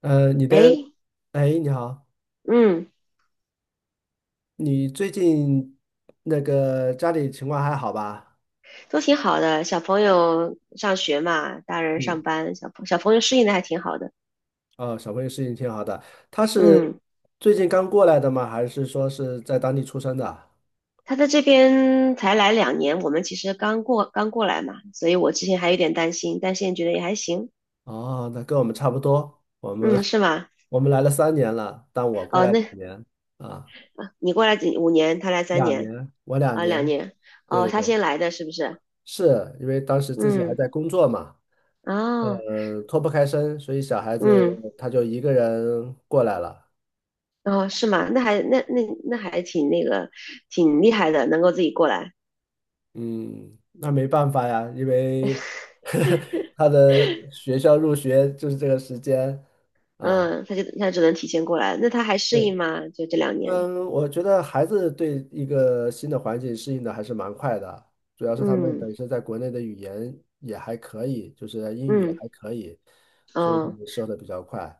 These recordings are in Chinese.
你的，诶，哎，你好，嗯，你最近那个家里情况还好吧？都挺好的。小朋友上学嘛，大人嗯，上班，小朋友适应的还挺好的。哦，小朋友适应挺好的。他是嗯，最近刚过来的吗？还是说是在当地出生的？他在这边才来两年，我们其实刚过来嘛，所以我之前还有点担心，但现在觉得也还行。哦，那跟我们差不多。嗯，是 吗？我们来了3年了，但我过哦，来那两年啊，你过来几五年，他来三两年年，我两啊，两年。年。对哦，对他对，先来的是不是？是因为当时自己还嗯，在工作嘛，哦，脱不开身，所以小孩子嗯，他就一个人过来了。哦，是吗？那还挺那个，挺厉害的，能够自己过来。嗯，那没办法呀，因为 他的学校入学就是这个时间啊。嗯，他只能提前过来，那他还适对，应吗？就这两年，嗯，我觉得孩子对一个新的环境适应的还是蛮快的，主要是他们嗯本身在国内的语言也还可以，就是英语也嗯还可以，所以他哦，们说的比较快。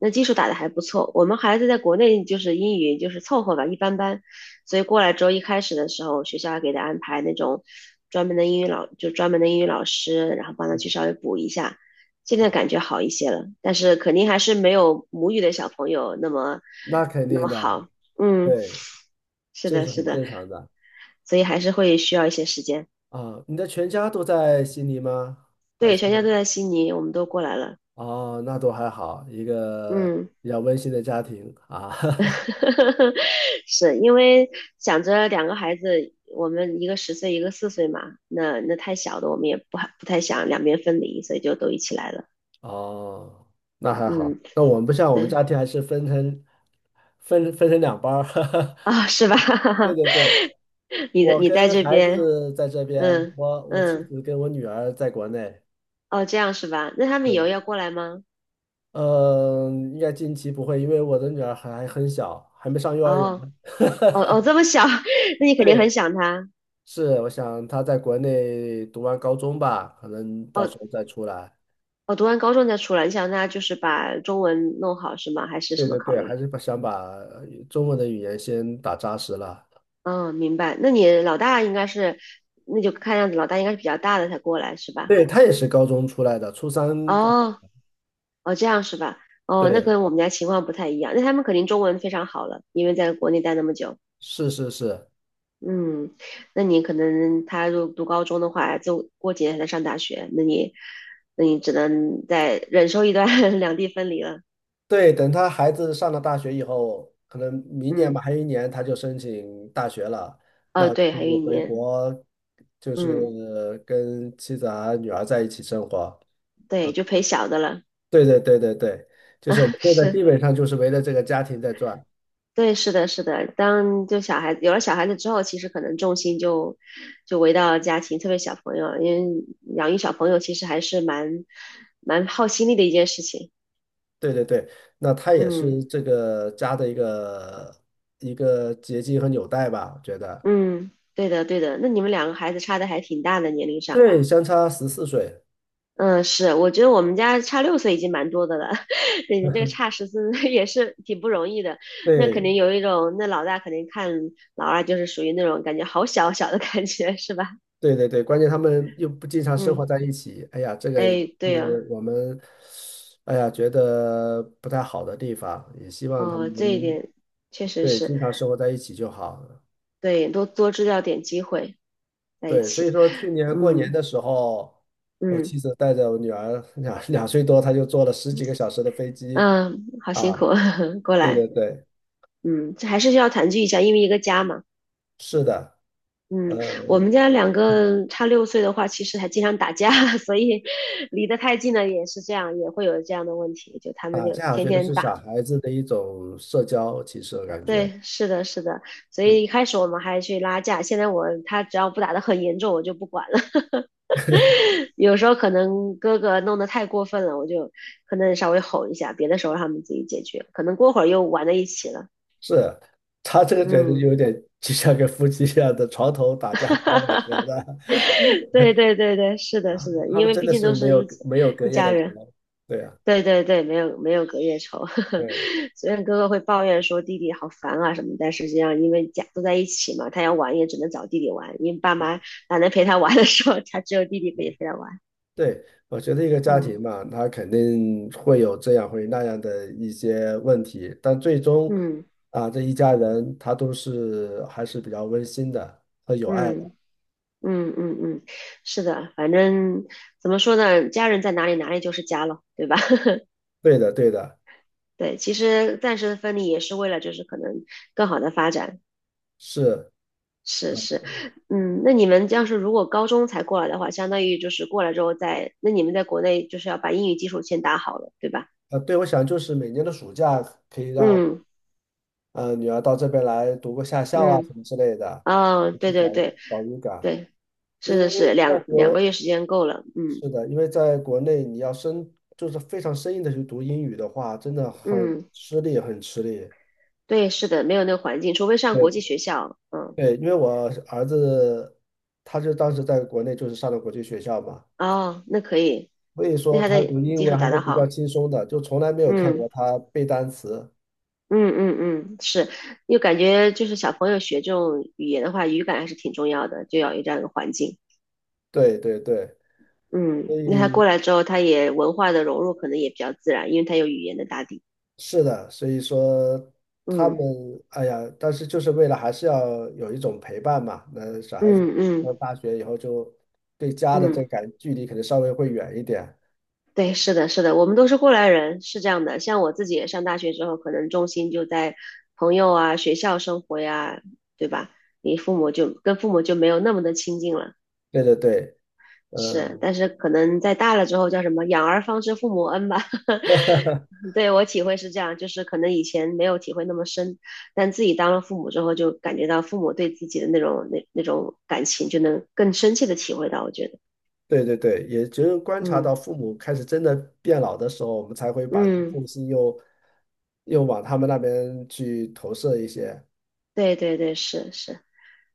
那基础打得还不错。我们孩子在国内就是英语就是凑合吧，一般般，所以过来之后一开始的时候，学校还给他安排那种专门的英语老，就专门的英语老师，然后帮他去稍微补一下。现在感觉好一些了，但是肯定还是没有母语的小朋友那么那肯那定么的，好。嗯，对，是这的，是是很的，正常的所以还是会需要一些时间。啊。你的全家都在悉尼吗？还对，是？全家都在悉尼，我们都过来了。哦，那都还好，一个嗯，比较温馨的家庭啊。是因为想着两个孩子，我们一个10岁，一个4岁嘛，那太小的，我们也不太想两边分离，所以就都一起来了。哦，那还好。嗯，那我们不像我们对家庭还是分成两班儿。啊、是 吧？对对对，你的我你在跟这孩边，子在这边，嗯我妻嗯，子跟我女儿在国内。哦，这样是吧？那他们以后对，要过来吗？嗯，应该近期不会，因为我的女儿还很小，还没上幼儿园。哦哦哦，这么小，那你肯定很对，想他。是，我想她在国内读完高中吧，可能到哦时候再出来。哦，读完高中再出来，你想他就是把中文弄好是吗？还是对什么对考对，还虑？是把想把中文的语言先打扎实了。嗯，明白。那你老大应该是，那就看样子老大应该是比较大的才过来是吧？对，他也是高中出来的，初三过哦，来。哦，这样是吧？哦，那对，跟我们家情况不太一样。那他们肯定中文非常好了，因为在国内待那么久。是是是，嗯，那你可能他如读高中的话，就过几年才上大学，那你，那你只能再忍受一段 两地分离了。对。等他孩子上了大学以后，可能明年吧，嗯，还有1年他就申请大学了。那哦，我对，还有就一回年。国，就嗯，是跟妻子啊、女儿在一起生活。啊。对，就陪小的了。对对对对对，就是我们 现在基是。本上就是围着这个家庭在转。对，是的，是的。当就小孩子有了小孩子之后，其实可能重心就回到家庭，特别小朋友，因为养育小朋友其实还是蛮耗心力的一件事情。对对对，那他也嗯是这个家的一个结晶和纽带吧，我觉得。嗯，对的对的。那你们两个孩子差的还挺大的年龄上。对，相差14岁。嗯，是，我觉得我们家差六岁已经蛮多的了，对你这个差14 岁也是挺不容易的。那肯定对有一种，那老大肯定看老二就是属于那种感觉好小小的感觉，是吧？对对对，关键他们又不经常生活嗯，在一起。哎呀，这个也哎，对是呀、我们，哎呀，觉得不太好的地方，也希望他哦，们这一能点确实对是经常生活在一起就好。对，多多制造点机会在一对，所以起，说去年过年嗯的时候，我嗯妻子带着我女儿两岁多，她就坐了十几个小时的飞机嗯，好辛苦，啊。过对来，对对。嗯，这还是需要团聚一下，因为一个家嘛，是的，嗯，我们呃，家两个差六岁的话，其实还经常打架，所以离得太近了也是这样，也会有这样的问题，就他们打就架我天觉得天是打，小孩子的一种社交，其实我感觉，对，是的，是的，所嗯，以一开始我们还去拉架，现在我他只要不打得很严重，我就不管了，有时候可能哥哥弄得太过分了，我就可能稍微吼一下，别的时候他们自己解决，可能过会儿又玩在一起了。是，他这个觉得嗯，有点就像跟夫妻一样的床头打架吵百合 的，对对对对，是的，是的，他因们为真毕的竟是都没是有一起没有隔一夜家的仇，人。对啊，对对对，没有没有隔夜仇。对虽然哥哥会抱怨说弟弟好烦啊什么，但实际上因为家都在一起嘛，他要玩也只能找弟弟玩，因为爸妈懒得陪他玩的时候，他只有弟弟可以陪他玩。对，我觉得一个家嗯庭嘛，他肯定会有这样会那样的一些问题，但最终嗯啊，这一家人他都是还是比较温馨的和有爱的，嗯。嗯嗯嗯，是的，反正怎么说呢，家人在哪里，哪里就是家了，对吧？对的对的，对，其实暂时的分离也是为了，就是可能更好的发展。是。是是，嗯，那你们要是如果高中才过来的话，相当于就是过来之后再，那你们在国内就是要把英语基础先打好了，对吧？对，我想就是每年的暑假可以让嗯女儿到这边来读个夏校啊嗯，什么之类的，哦，去对找对对找语感。对，是因是为是，在两两个国，月时间够了，嗯是的，因为在国内你要就是非常生硬的去读英语的话，真的很嗯，吃力，很吃力。对，是的，没有那个环境，除非上对国际学校，嗯。对，因为我儿子他就当时在国内就是上的国际学校嘛，哦，那可以，所以那说他他的读英基础文还打是得比较好。轻松的，就从来没有看嗯过他背单词。嗯嗯嗯，是，又感觉就是小朋友学这种语言的话，语感还是挺重要的，就要有这样一个环境。对对对，嗯，所那他过以来之后，他也文化的融入可能也比较自然，因为他有语言的打底。是的，所以说他们，嗯哎呀，但是就是为了还是要有一种陪伴嘛。那小孩子嗯嗯上大学以后就对家的这嗯，感距离可能稍微会远一点。对，是的，是的，我们都是过来人，是这样的。像我自己也上大学之后，可能重心就在朋友啊、学校生活呀，对吧？你父母就跟父母就没有那么的亲近了。对对对，是，嗯，但是可能在大了之后叫什么"养儿方知父母恩"吧。对我体会是这样，就是可能以前没有体会那么深，但自己当了父母之后，就感觉到父母对自己的那种感情，就能更深切的体会到。我觉得，对对对，也只有观察嗯到父母开始真的变老的时候，我们才会把一些嗯，重心又往他们那边去投射一些。对对对，是是，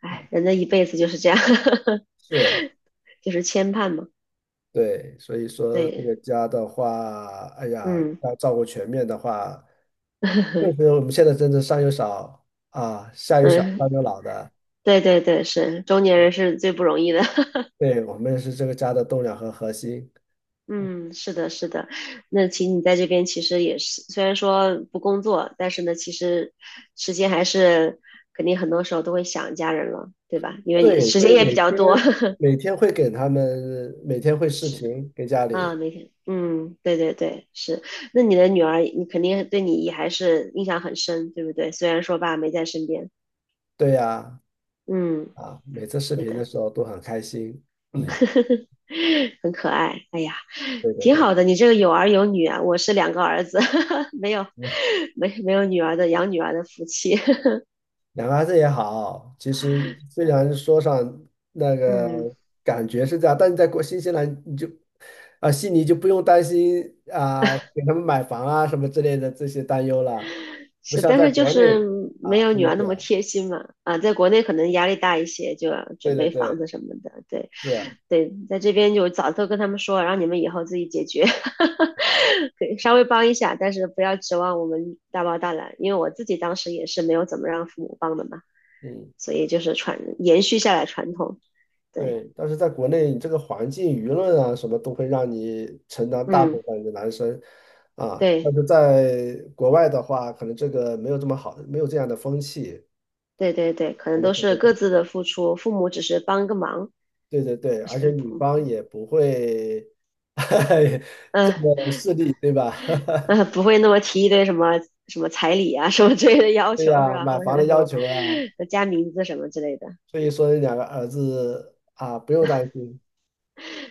哎，人的一辈子就是这样，是，就是牵绊嘛。对，所以说这个对，家的话，哎呀，嗯 要照顾全面的话。确实，我 们现在真的上有老啊，下有小，上嗯，有老的。对对对，是中年人是最不容易的。对，我们是这个家的栋梁和核心。嗯，是的，是的。那其实你在这边其实也是，虽然说不工作，但是呢，其实时间还是肯定很多时候都会想家人了，对吧？因为你对，时所间以也比每较天多，每天会给他们，每天会视是频给家啊，里。每天，嗯，对对对，是。那你的女儿，你肯定对你也还是印象很深，对不对？虽然说爸没在身边，对呀，嗯，啊，每次视对频的的，时候都很开心。很可爱。哎呀。对对挺对，好的，你这个有儿有女啊，我是两个儿子，没有没有女儿的养女儿的福气，两个孩子也好，其实虽然说上那 个嗯，感觉是这样，但是在国新西兰你就悉尼就不用担心啊给他们买房啊什么之类的这些担忧了，不是，像但在是就国内是没啊有这女么儿那么卷。贴心嘛，啊，在国内可能压力大一些，就要对准对备房子对，什么的，对是，对，在这边就早都跟他们说，让你们以后自己解决，哦，可以稍微帮一下，但是不要指望我们大包大揽，因为我自己当时也是没有怎么让父母帮的嘛，嗯，所以就是传延续下来传统，对，对。但是在国内，你这个环境、舆论啊什么都会让你承担大部嗯，分的男生啊，但对。是在国外的话，可能这个没有这么好，没有这样的风气。对对对，可他能们都可是各能自的付出，父母只是帮个忙，对对对，不而且行女不，方也不会 这嗯、呃么细，对吧？不会那么提一堆什么什么彩礼啊什么之类的要对求是呀，吧？买或者房的什要么求呀，什么加名字什么之类的，所以说两个儿子啊，不用担心。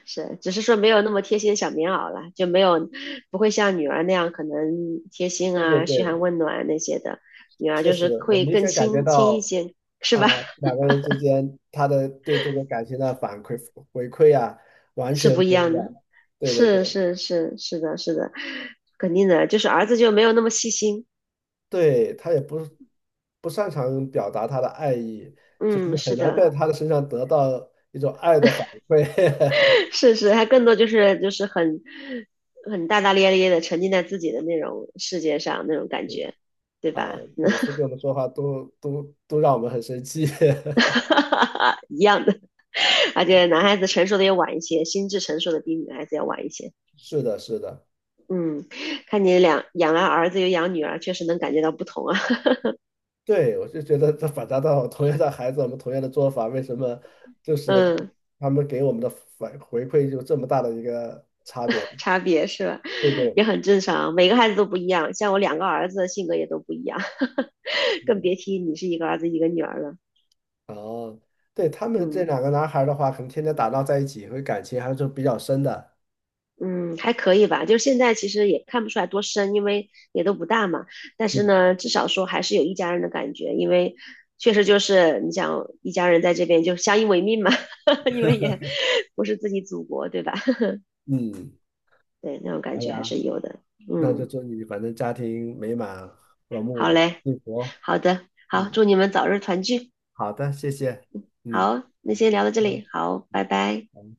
是，只是说没有那么贴心小棉袄了，就没有不会像女儿那样可能贴心对对啊、嘘对，寒问暖那些的，女儿确就实，是我会明更显感觉亲亲一到些，是啊，吧？两个人之间他的对这个感情的反馈回馈啊，完是全不一不一样的，样。对对对，是是是是的，是的，肯定的，就是儿子就没有那么细心，对，他也不擅长表达他的爱意，就是嗯，很是难在的。他的身上得到一种爱的反馈。是是，他更多就是很很大大咧咧的沉浸在自己的那种世界上那种感 觉，对啊，吧？每次跟我们说话都让我们很生气。一样的，而且男孩子成熟的也晚一些，心智成熟的比女孩子要晚一些。是的，是的，嗯，看你两养了儿子又养女儿，确实能感觉到不同啊。对，我就觉得这反差到我同样的孩子，我们同样的做法，为什么就 是嗯，他们给我们的反回馈就这么大的一个差别？差别是吧？对对，也很正常，每个孩子都不一样。像我两个儿子性格也都不一样，更嗯，别提你是一个儿子一个女儿了。哦，对，他们这嗯。两个男孩儿的话，可能天天打闹在一起，会感情还是比较深的。嗯，还可以吧，就是现在其实也看不出来多深，因为也都不大嘛。但是嗯呢，至少说还是有一家人的感觉，因为确实就是你想一家人在这边就相依为命嘛，因为也不是自己祖国，对吧？嗯，对，那种感好觉还呀，是有的。那就嗯，祝你反正家庭美满、和好睦、嘞，幸福。好的，好，嗯，祝你们早日团聚。好的，谢谢。嗯好，那嗯先聊到这嗯。里，好，拜拜。嗯